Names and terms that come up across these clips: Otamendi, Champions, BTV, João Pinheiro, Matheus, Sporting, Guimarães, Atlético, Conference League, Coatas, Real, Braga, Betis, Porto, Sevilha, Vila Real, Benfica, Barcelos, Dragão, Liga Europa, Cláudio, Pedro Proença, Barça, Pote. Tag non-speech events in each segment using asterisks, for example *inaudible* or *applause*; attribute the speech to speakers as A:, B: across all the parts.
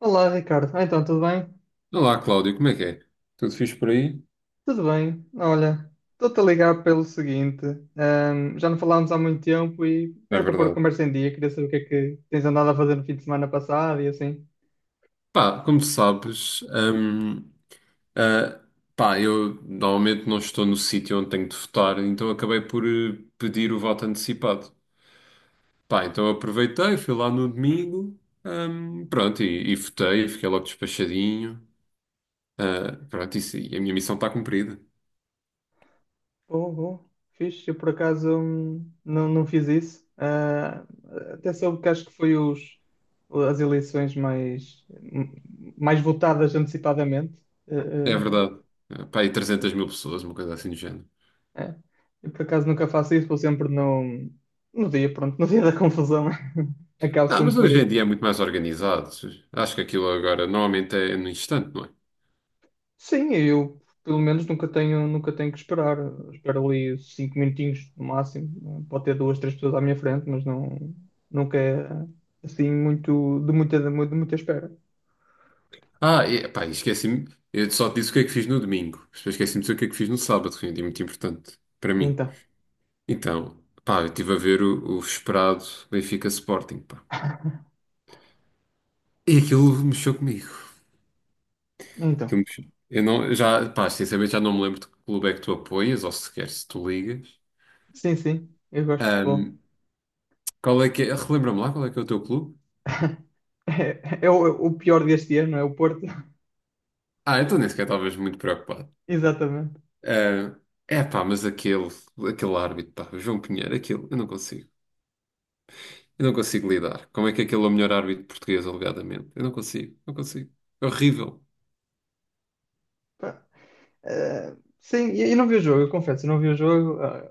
A: Olá, Ricardo. Então, tudo bem?
B: Olá, Cláudio, como é que é? Tudo fixe por aí?
A: Tudo bem. Olha, estou-te a ligar pelo seguinte. Já não falámos há muito tempo e
B: É
A: era para pôr a
B: verdade.
A: conversa em dia. Queria saber o que é que tens andado a fazer no fim de semana passado e assim.
B: Pá, como sabes, ah, pá, eu normalmente não estou no sítio onde tenho de votar, então acabei por pedir o voto antecipado. Pá, então aproveitei, fui lá no domingo, pronto, e votei, fiquei logo despachadinho. Pronto, isso, e a minha missão está cumprida.
A: Bom, bom. Fiz. Eu, por acaso, não, não fiz isso. Até soube que acho que foi os, as eleições mais votadas antecipadamente. Ah,
B: É
A: ah,
B: verdade. Pá, e 300 mil pessoas, uma coisa assim do género.
A: É. Eu por acaso nunca faço isso, vou sempre no dia, pronto, no *laughs* dia da confusão. *laughs* Acabo
B: Mas
A: sempre por
B: hoje em
A: ir.
B: dia é muito mais organizado. Acho que aquilo agora normalmente é no instante, não é?
A: Sim, eu pelo menos nunca tenho que esperar. Espero ali 5 minutinhos no máximo. Pode ter duas, três pessoas à minha frente, mas não, nunca é assim muito de muita espera.
B: E, pá, e esqueci-me. Eu só te disse o que é que fiz no domingo. Mas depois esqueci-me de dizer o que é que fiz no sábado, que foi um dia muito importante para mim.
A: Então,
B: Então, pá, eu estive a ver o esperado Benfica Sporting, pá. E aquilo mexeu comigo.
A: então.
B: Aquilo mexeu. Eu não, já, pá, sinceramente já não me lembro de que clube é que tu apoias, ou sequer se tu ligas.
A: Sim, sim, eu gosto de futebol.
B: Qual é que é? Relembra-me lá qual é que é o teu clube?
A: *laughs* É o pior deste ano, é o Porto.
B: Então nem sequer estavas muito preocupado.
A: *laughs* Exatamente.
B: Ah, É pá, mas aquele árbitro, pá, o João Pinheiro, aquele, eu não consigo. Eu não consigo lidar. Como é que aquele é o melhor árbitro português, alegadamente? Eu não consigo, não consigo. É horrível.
A: Eh, sim, e não vi o jogo, eu confesso, eu não vi o jogo. ah,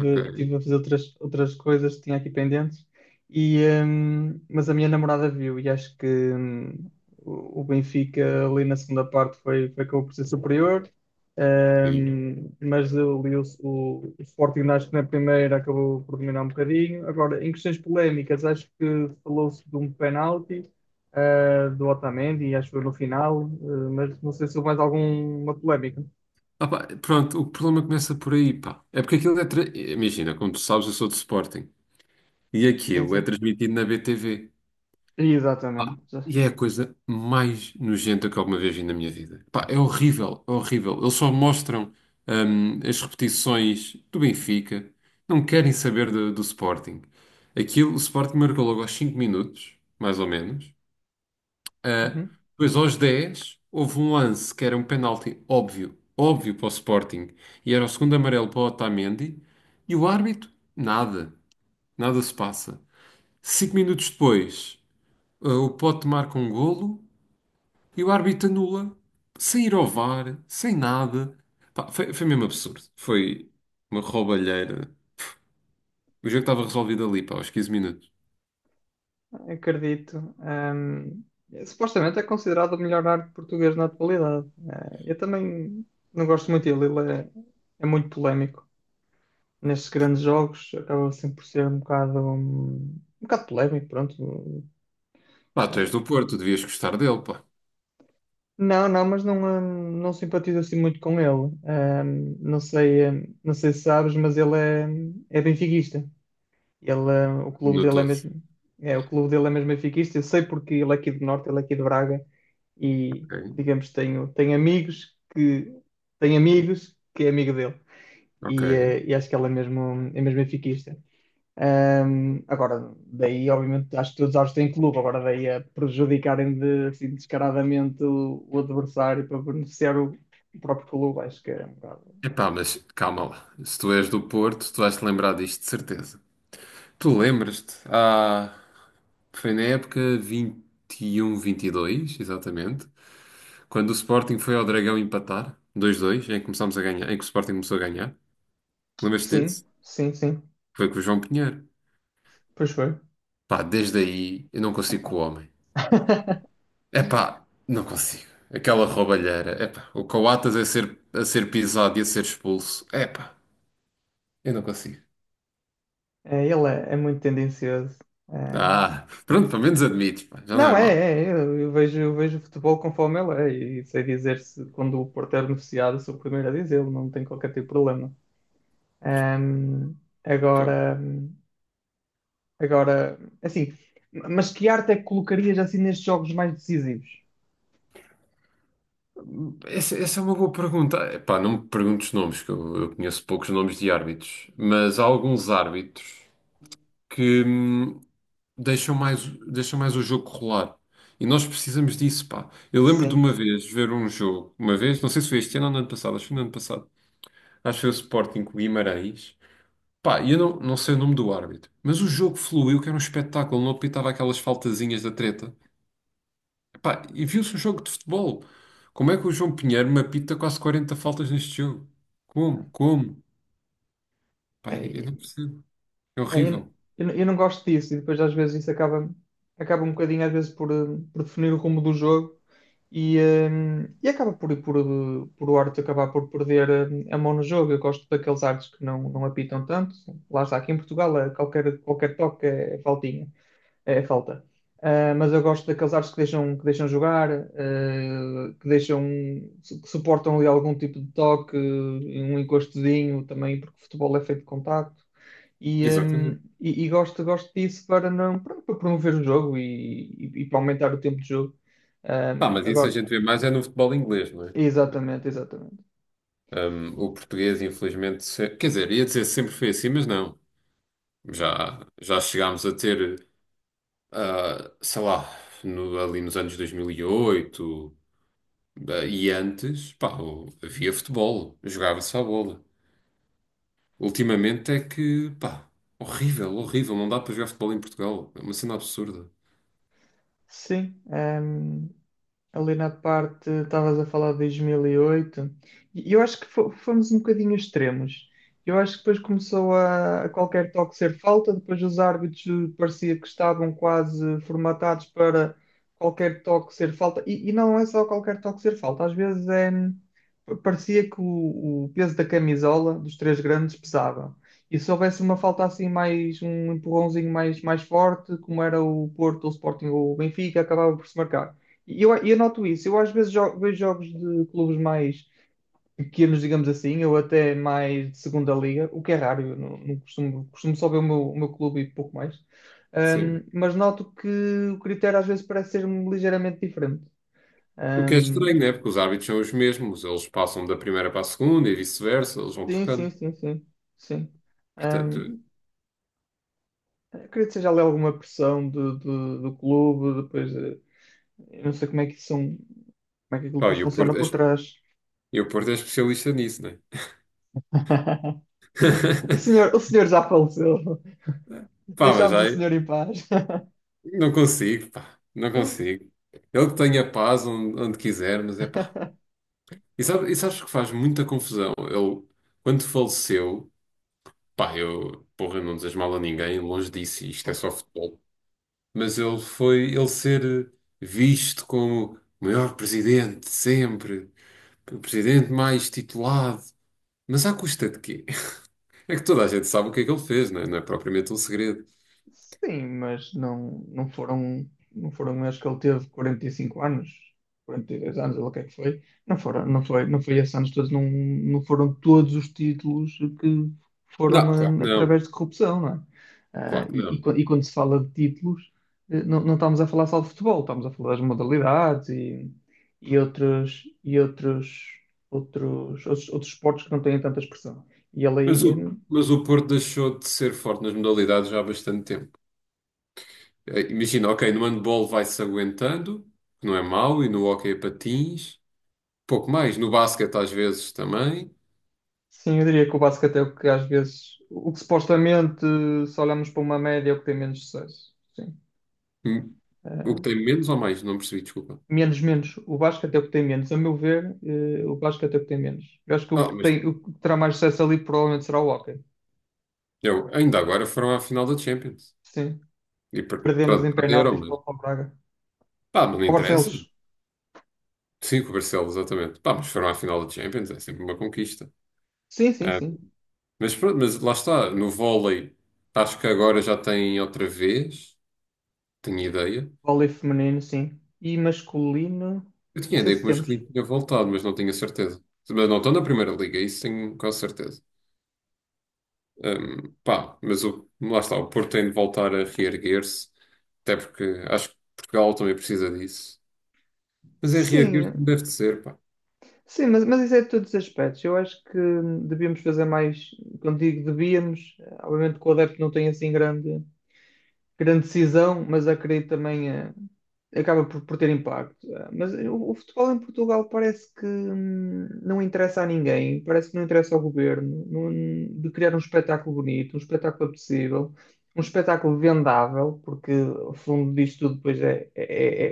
B: Ok.
A: tive a fazer outras, outras coisas que tinha aqui pendentes, e, mas a minha namorada viu e acho que o Benfica ali na segunda parte foi, foi acabou por ser superior.
B: Sim.
A: Mas eu li o Sporting acho que na primeira acabou por dominar um bocadinho. Agora, em questões polémicas, acho que falou-se de um penalti. Do Otamendi, acho que foi no final, mas não sei se houve mais alguma polémica.
B: Pá, pronto, o problema começa por aí, pá. É porque aquilo é. Imagina, como tu sabes, eu sou de Sporting. E
A: Sim,
B: aquilo é
A: sim.
B: transmitido na BTV.
A: Exatamente.
B: E é a coisa mais nojenta que alguma vez vi na minha vida. Pá, é horrível, é horrível. Eles só mostram, as repetições do Benfica. Não querem saber do Sporting. Aquilo, o Sporting marcou logo aos 5 minutos, mais ou menos. Ah,
A: Uhum.
B: Depois, aos 10 houve um lance que era um penalti óbvio, óbvio para o Sporting, e era o segundo amarelo para o Otamendi, e o árbitro, nada, nada se passa. 5 minutos depois, o Pote marca um golo e o árbitro anula, sem ir ao VAR, sem nada. Pá, foi mesmo absurdo. Foi uma roubalheira. O jogo estava resolvido ali, pá, aos 15 minutos.
A: Acredito. Supostamente é considerado o melhor arte português na atualidade. Eu também não gosto muito dele. Ele é muito polémico. Nestes grandes jogos acaba sempre por ser um bocado polémico, pronto.
B: Pá, tu
A: Eh,
B: és do Porto, devias gostar dele, pá.
A: não, não, mas não, não simpatizo assim muito com ele. Não sei, não sei se sabes, mas ele é benfiquista. O clube dele é
B: Notou-se.
A: mesmo, o clube dele é mesmo benfiquista. Eu sei porque ele é aqui do Norte, ele é aqui de Braga e,
B: Ok,
A: digamos, tenho amigos que tem amigos que é amigo dele
B: ok.
A: e acho que ele é mesmo benfiquista. Agora, daí, obviamente, acho que todos os árbitros têm clube, agora daí a prejudicarem de, assim, descaradamente o adversário para beneficiar o próprio clube, acho que é um bocado.
B: Epá, mas calma lá. Se tu és do Porto, tu vais-te lembrar disto, de certeza. Tu lembras-te? Foi na época 21, 22, exatamente, quando o Sporting foi ao Dragão empatar, 2-2, em que começámos a ganhar, em que o Sporting começou a ganhar. Lembras-te
A: Sim,
B: desse?
A: sim, sim.
B: Foi com o João Pinheiro.
A: Pois foi.
B: Pá, desde aí eu não consigo com o homem.
A: *laughs*
B: Epá, não consigo. Aquela roubalheira. Epá, o Coatas a ser pisado e a ser expulso. Epá, eu não consigo.
A: É, ele é muito tendencioso. É.
B: Pronto, pelo menos admites, pá, já não
A: Não,
B: é mau.
A: eu vejo o futebol conforme ele é, e sei dizer se quando o Porto é beneficiado, sou o primeiro a dizê-lo, não tem qualquer tipo de problema. Hum, agora, agora, assim, mas que arte é que colocarias assim nestes jogos mais decisivos?
B: Essa é uma boa pergunta. Epá, não me perguntes os nomes, que eu conheço poucos nomes de árbitros, mas há alguns árbitros que deixam mais o jogo rolar. E nós precisamos disso, pá. Eu lembro de
A: Sim.
B: uma vez ver um jogo, uma vez, não sei se foi este ano ou no ano passado, acho que foi no ano passado, acho que foi o Sporting com o Guimarães. Pá, e eu não sei o nome do árbitro, mas o jogo fluiu, que era um espetáculo, não apitava aquelas faltazinhas da treta. Pá, e viu-se o jogo de futebol. Como é que o João Pinheiro me apita quase 40 faltas neste jogo? Como? Como? Pá, eu
A: É,
B: não percebo. É
A: É, eu, n-
B: horrível.
A: eu não gosto disso e depois às vezes isso acaba um bocadinho às vezes por definir o rumo do jogo e, eh, e acaba por o árbitro acabar por perder a mão no jogo. Eu gosto daqueles árbitros que não apitam tanto. Lá está, aqui em Portugal qualquer toque é faltinha. É falta. Mas eu gosto daqueles árbitros que deixam, que suportam ali algum tipo de toque, um encostozinho também, porque o futebol é feito de contacto. E, hum,
B: Exatamente.
A: e gosto disso para, não, para, para promover o jogo e, e para aumentar o tempo de jogo.
B: Pá,
A: Hum,
B: mas isso a
A: agora,
B: gente vê mais é no futebol inglês, não é?
A: exatamente, exatamente.
B: O português, infelizmente, quer dizer, ia dizer sempre foi assim, mas não. Já chegámos a ter, sei lá, ali nos anos 2008, e antes, pá, havia futebol, jogava-se à bola. Ultimamente é que, pá, horrível, horrível. Não dá para jogar futebol em Portugal. É uma cena absurda.
A: Sim, ali na parte, estavas a falar de 2008, e oito, e eu acho que fomos um bocadinho extremos. Eu acho que depois começou a qualquer toque ser falta, depois os árbitros parecia que estavam quase formatados para qualquer toque ser falta, e não é só qualquer toque ser falta, às vezes parecia que o peso da camisola dos três grandes pesava. E se houvesse uma falta assim mais, um empurrãozinho mais forte, como era o Porto, o Sporting ou o Benfica, acabava por se marcar. E eu noto isso. Eu às vezes vejo jogos de clubes mais pequenos, digamos assim, ou até mais de segunda liga, o que é raro. Eu não, não costumo só ver o meu clube e pouco mais. Ahm,
B: Sim.
A: mas noto que o critério às vezes parece ser ligeiramente diferente.
B: O que é estranho,
A: Ahm,
B: né? Porque os árbitros são os mesmos. Eles passam da primeira para a segunda e vice-versa. Eles vão
A: sim, sim,
B: trocando.
A: sim, sim. Sim.
B: Portanto,
A: Ahm, Eu acredito que seja ali alguma pressão do clube, depois eu não sei como é que são, como é que aquilo
B: pá,
A: depois funciona por trás.
B: E o Porto é especialista nisso, né?
A: *laughs* O
B: *laughs*
A: senhor, o senhor já faleceu.
B: Pá, mas
A: Deixámos o
B: aí
A: senhor em paz.
B: não consigo, pá, não consigo. Ele que tenha paz onde quiser, mas é pá. E sabes que faz muita confusão? Ele, quando faleceu, pá, eu, porra, eu não desejo mal a ninguém, longe disso, isto é só
A: *laughs*
B: futebol. Mas ele ser visto como o maior presidente de sempre, o presidente mais titulado. Mas à custa de quê? *laughs* É que toda a gente sabe o que é que ele fez, não é? Não é propriamente um segredo.
A: Sim, mas não, não foram, acho que ele teve 45 anos, 42 anos, ou o que é que foi. Não foram, não foi esses anos todos, não foram todos os títulos que foram
B: Não, claro que não,
A: através de corrupção, não é? Ah,
B: claro que
A: e, e
B: não.
A: quan- e quando se fala de títulos, não estamos a falar só de futebol, estamos a falar das modalidades e, e outros, e outros, outros esportes que não têm tanta expressão. E ele
B: Mas
A: aí.
B: o, mas o Porto deixou de ser forte nas modalidades já há bastante tempo. Imagina, ok, no handball vai-se aguentando, que não é mau, e no hóquei a patins, pouco mais. No basquete às vezes também.
A: Sim, eu diria que o basquete é o que às vezes, o que supostamente, se olharmos para uma média, é o que tem menos sucesso. Sim.
B: Hum, O
A: Eh,
B: que tem menos ou mais? Não percebi, desculpa.
A: menos, menos. O basquete é o que tem menos. A meu ver, o basquete é o que tem menos. Eu acho que o que
B: Mas
A: tem, o que terá mais sucesso ali provavelmente será o hóquei.
B: Ainda agora foram à final da Champions.
A: Sim.
B: E
A: Perdemos
B: pronto,
A: em
B: perderam,
A: penaltis
B: mas
A: para o Braga.
B: pá, mas não
A: O
B: interessa.
A: Barcelos.
B: Sim, com o Barcelos, exatamente. Pá, mas foram à final da Champions, é sempre uma conquista.
A: Sim, sim,
B: É.
A: sim.
B: Mas pronto, mas lá está, no vôlei, acho que agora já tem outra vez, tenho ideia.
A: Vôlei feminino, sim. E masculino,
B: Eu
A: não
B: tinha
A: sei
B: ideia
A: se
B: que o
A: temos.
B: masculino tinha voltado, mas não tinha certeza. Mas não estão na primeira liga, isso tenho quase certeza. Pá, lá está, o Porto tem de voltar a reerguer-se, até porque acho que Portugal também precisa disso. Mas é reerguer-se como
A: Sim,
B: deve de ser, pá.
A: sim, mas isso é de todos os aspectos. Eu acho que devíamos fazer mais, quando digo devíamos, obviamente que o adepto não tem assim grande, grande decisão, mas acredito também acaba por ter impacto. Mas o futebol em Portugal parece que não interessa a ninguém, parece que não interessa ao governo, de criar um espetáculo bonito, um espetáculo apetecível, um espetáculo vendável, porque o fundo disto tudo depois é, é,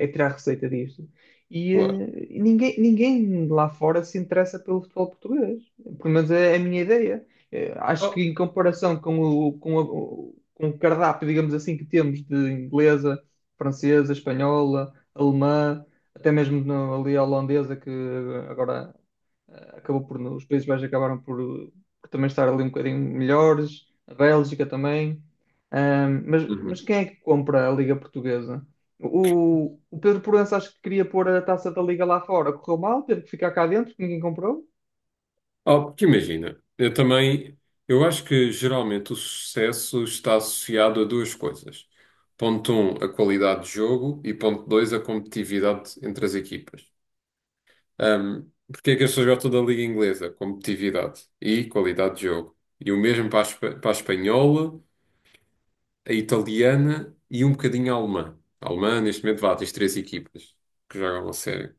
A: é- é tirar receita disto. E
B: Claro.
A: eh, ninguém, ninguém lá fora se interessa pelo futebol português. Pelo menos é a minha ideia. Acho que
B: Oh,
A: em comparação com o, com a- o- com o cardápio, digamos assim, que temos de inglesa, francesa, espanhola, alemã, até mesmo ali a holandesa, que agora acabou por, os Países Baixos acabaram por também estar ali um bocadinho melhores, a Bélgica também. Mas
B: uhum.
A: quem é que compra a Liga Portuguesa? O Pedro Proença acho que queria pôr a taça da Liga lá fora, correu mal, teve que ficar cá dentro, ninguém comprou.
B: Oh, porque imagina, eu também, eu acho que geralmente o sucesso está associado a duas coisas. Ponto um, a qualidade de jogo e ponto dois, a competitividade entre as equipas. Um, porque é que as pessoas gostam da Liga Inglesa? Competitividade e qualidade de jogo. E o mesmo para a espanhola, a italiana e um bocadinho a alemã. A alemã, neste momento, vá, tens três equipas que jogam a sério.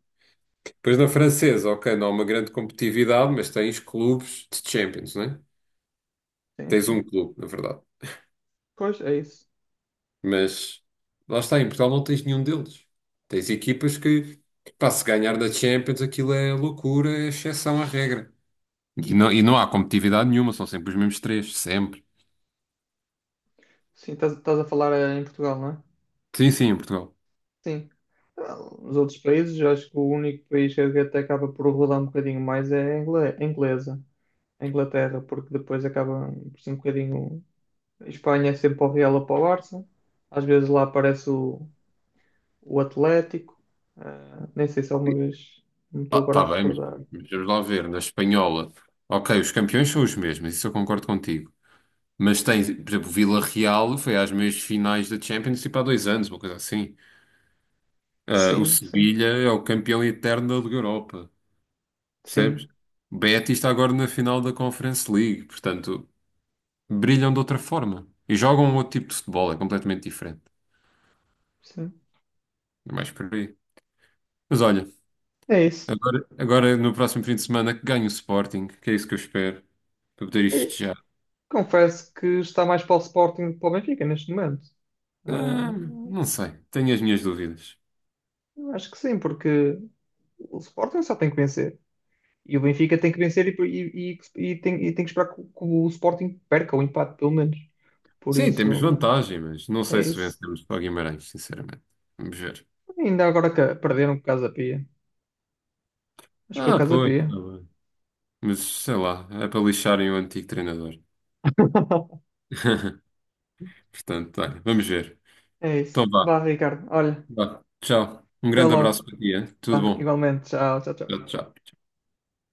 B: Depois na francesa, ok, não há uma grande competitividade, mas tens clubes de Champions, né?
A: Sim,
B: Tens um
A: sim.
B: clube, na verdade.
A: Pois, é isso.
B: Mas lá está, em Portugal não tens nenhum deles. Tens equipas que, pá, se ganhar da Champions, aquilo é loucura, é exceção à regra. E não há competitividade nenhuma, são sempre os mesmos três, sempre.
A: Sim, estás a falar em Portugal, não é?
B: Sim, sim, em Portugal.
A: Sim. Não, nos outros países, eu acho que o único país que até acaba por rodar um bocadinho mais é a inglesa, a Inglaterra, porque depois acaba por ser um bocadinho. A Espanha é sempre para o Real ou para o Barça, às vezes lá aparece o Atlético, nem sei se alguma vez, não me estou agora a
B: Tá bem,
A: recordar.
B: mas vamos lá ver, na espanhola. Ok, os campeões são os mesmos, isso eu concordo contigo. Mas tens, por exemplo, o Vila Real foi às meias finais da Champions, tipo há 2 anos, uma coisa assim. O
A: Sim, sim,
B: Sevilha é o campeão eterno da Liga Europa, percebes?
A: sim,
B: O Betis está agora na final da Conference League, portanto, brilham de outra forma e jogam um outro tipo de futebol, é completamente diferente.
A: sim.
B: É mais por aí. Mas olha,
A: É isso.
B: agora no próximo fim de semana que ganho o Sporting, que é isso que eu espero, para poder ir
A: E
B: festejar.
A: confesso que está mais para o Sporting do que para o Benfica neste momento. Ah,
B: Ah, não sei, tenho as minhas dúvidas.
A: eu acho que sim, porque o Sporting só tem que vencer. E o Benfica tem que vencer e tem que esperar que o Sporting perca o empate, pelo menos. Por
B: Sim,
A: isso,
B: temos
A: hum,
B: vantagem, mas não
A: é
B: sei se
A: isso.
B: vencemos para o Guimarães, sinceramente. Vamos ver.
A: Ainda agora que perderam por o da Pia. Mas foi o causa
B: Pois, tá
A: Pia.
B: bem. Mas sei lá, é para lixarem o antigo treinador.
A: *laughs*
B: *laughs* Portanto, olha, vamos ver.
A: É isso.
B: Então
A: Vá,
B: vá,
A: Ricardo. Olha,
B: vá. Tchau. Um
A: até
B: grande abraço
A: logo.
B: para ti, hein? Tudo
A: Vá,
B: bom.
A: igualmente. Tchau, tchau, tchau.
B: Tchau, tchau.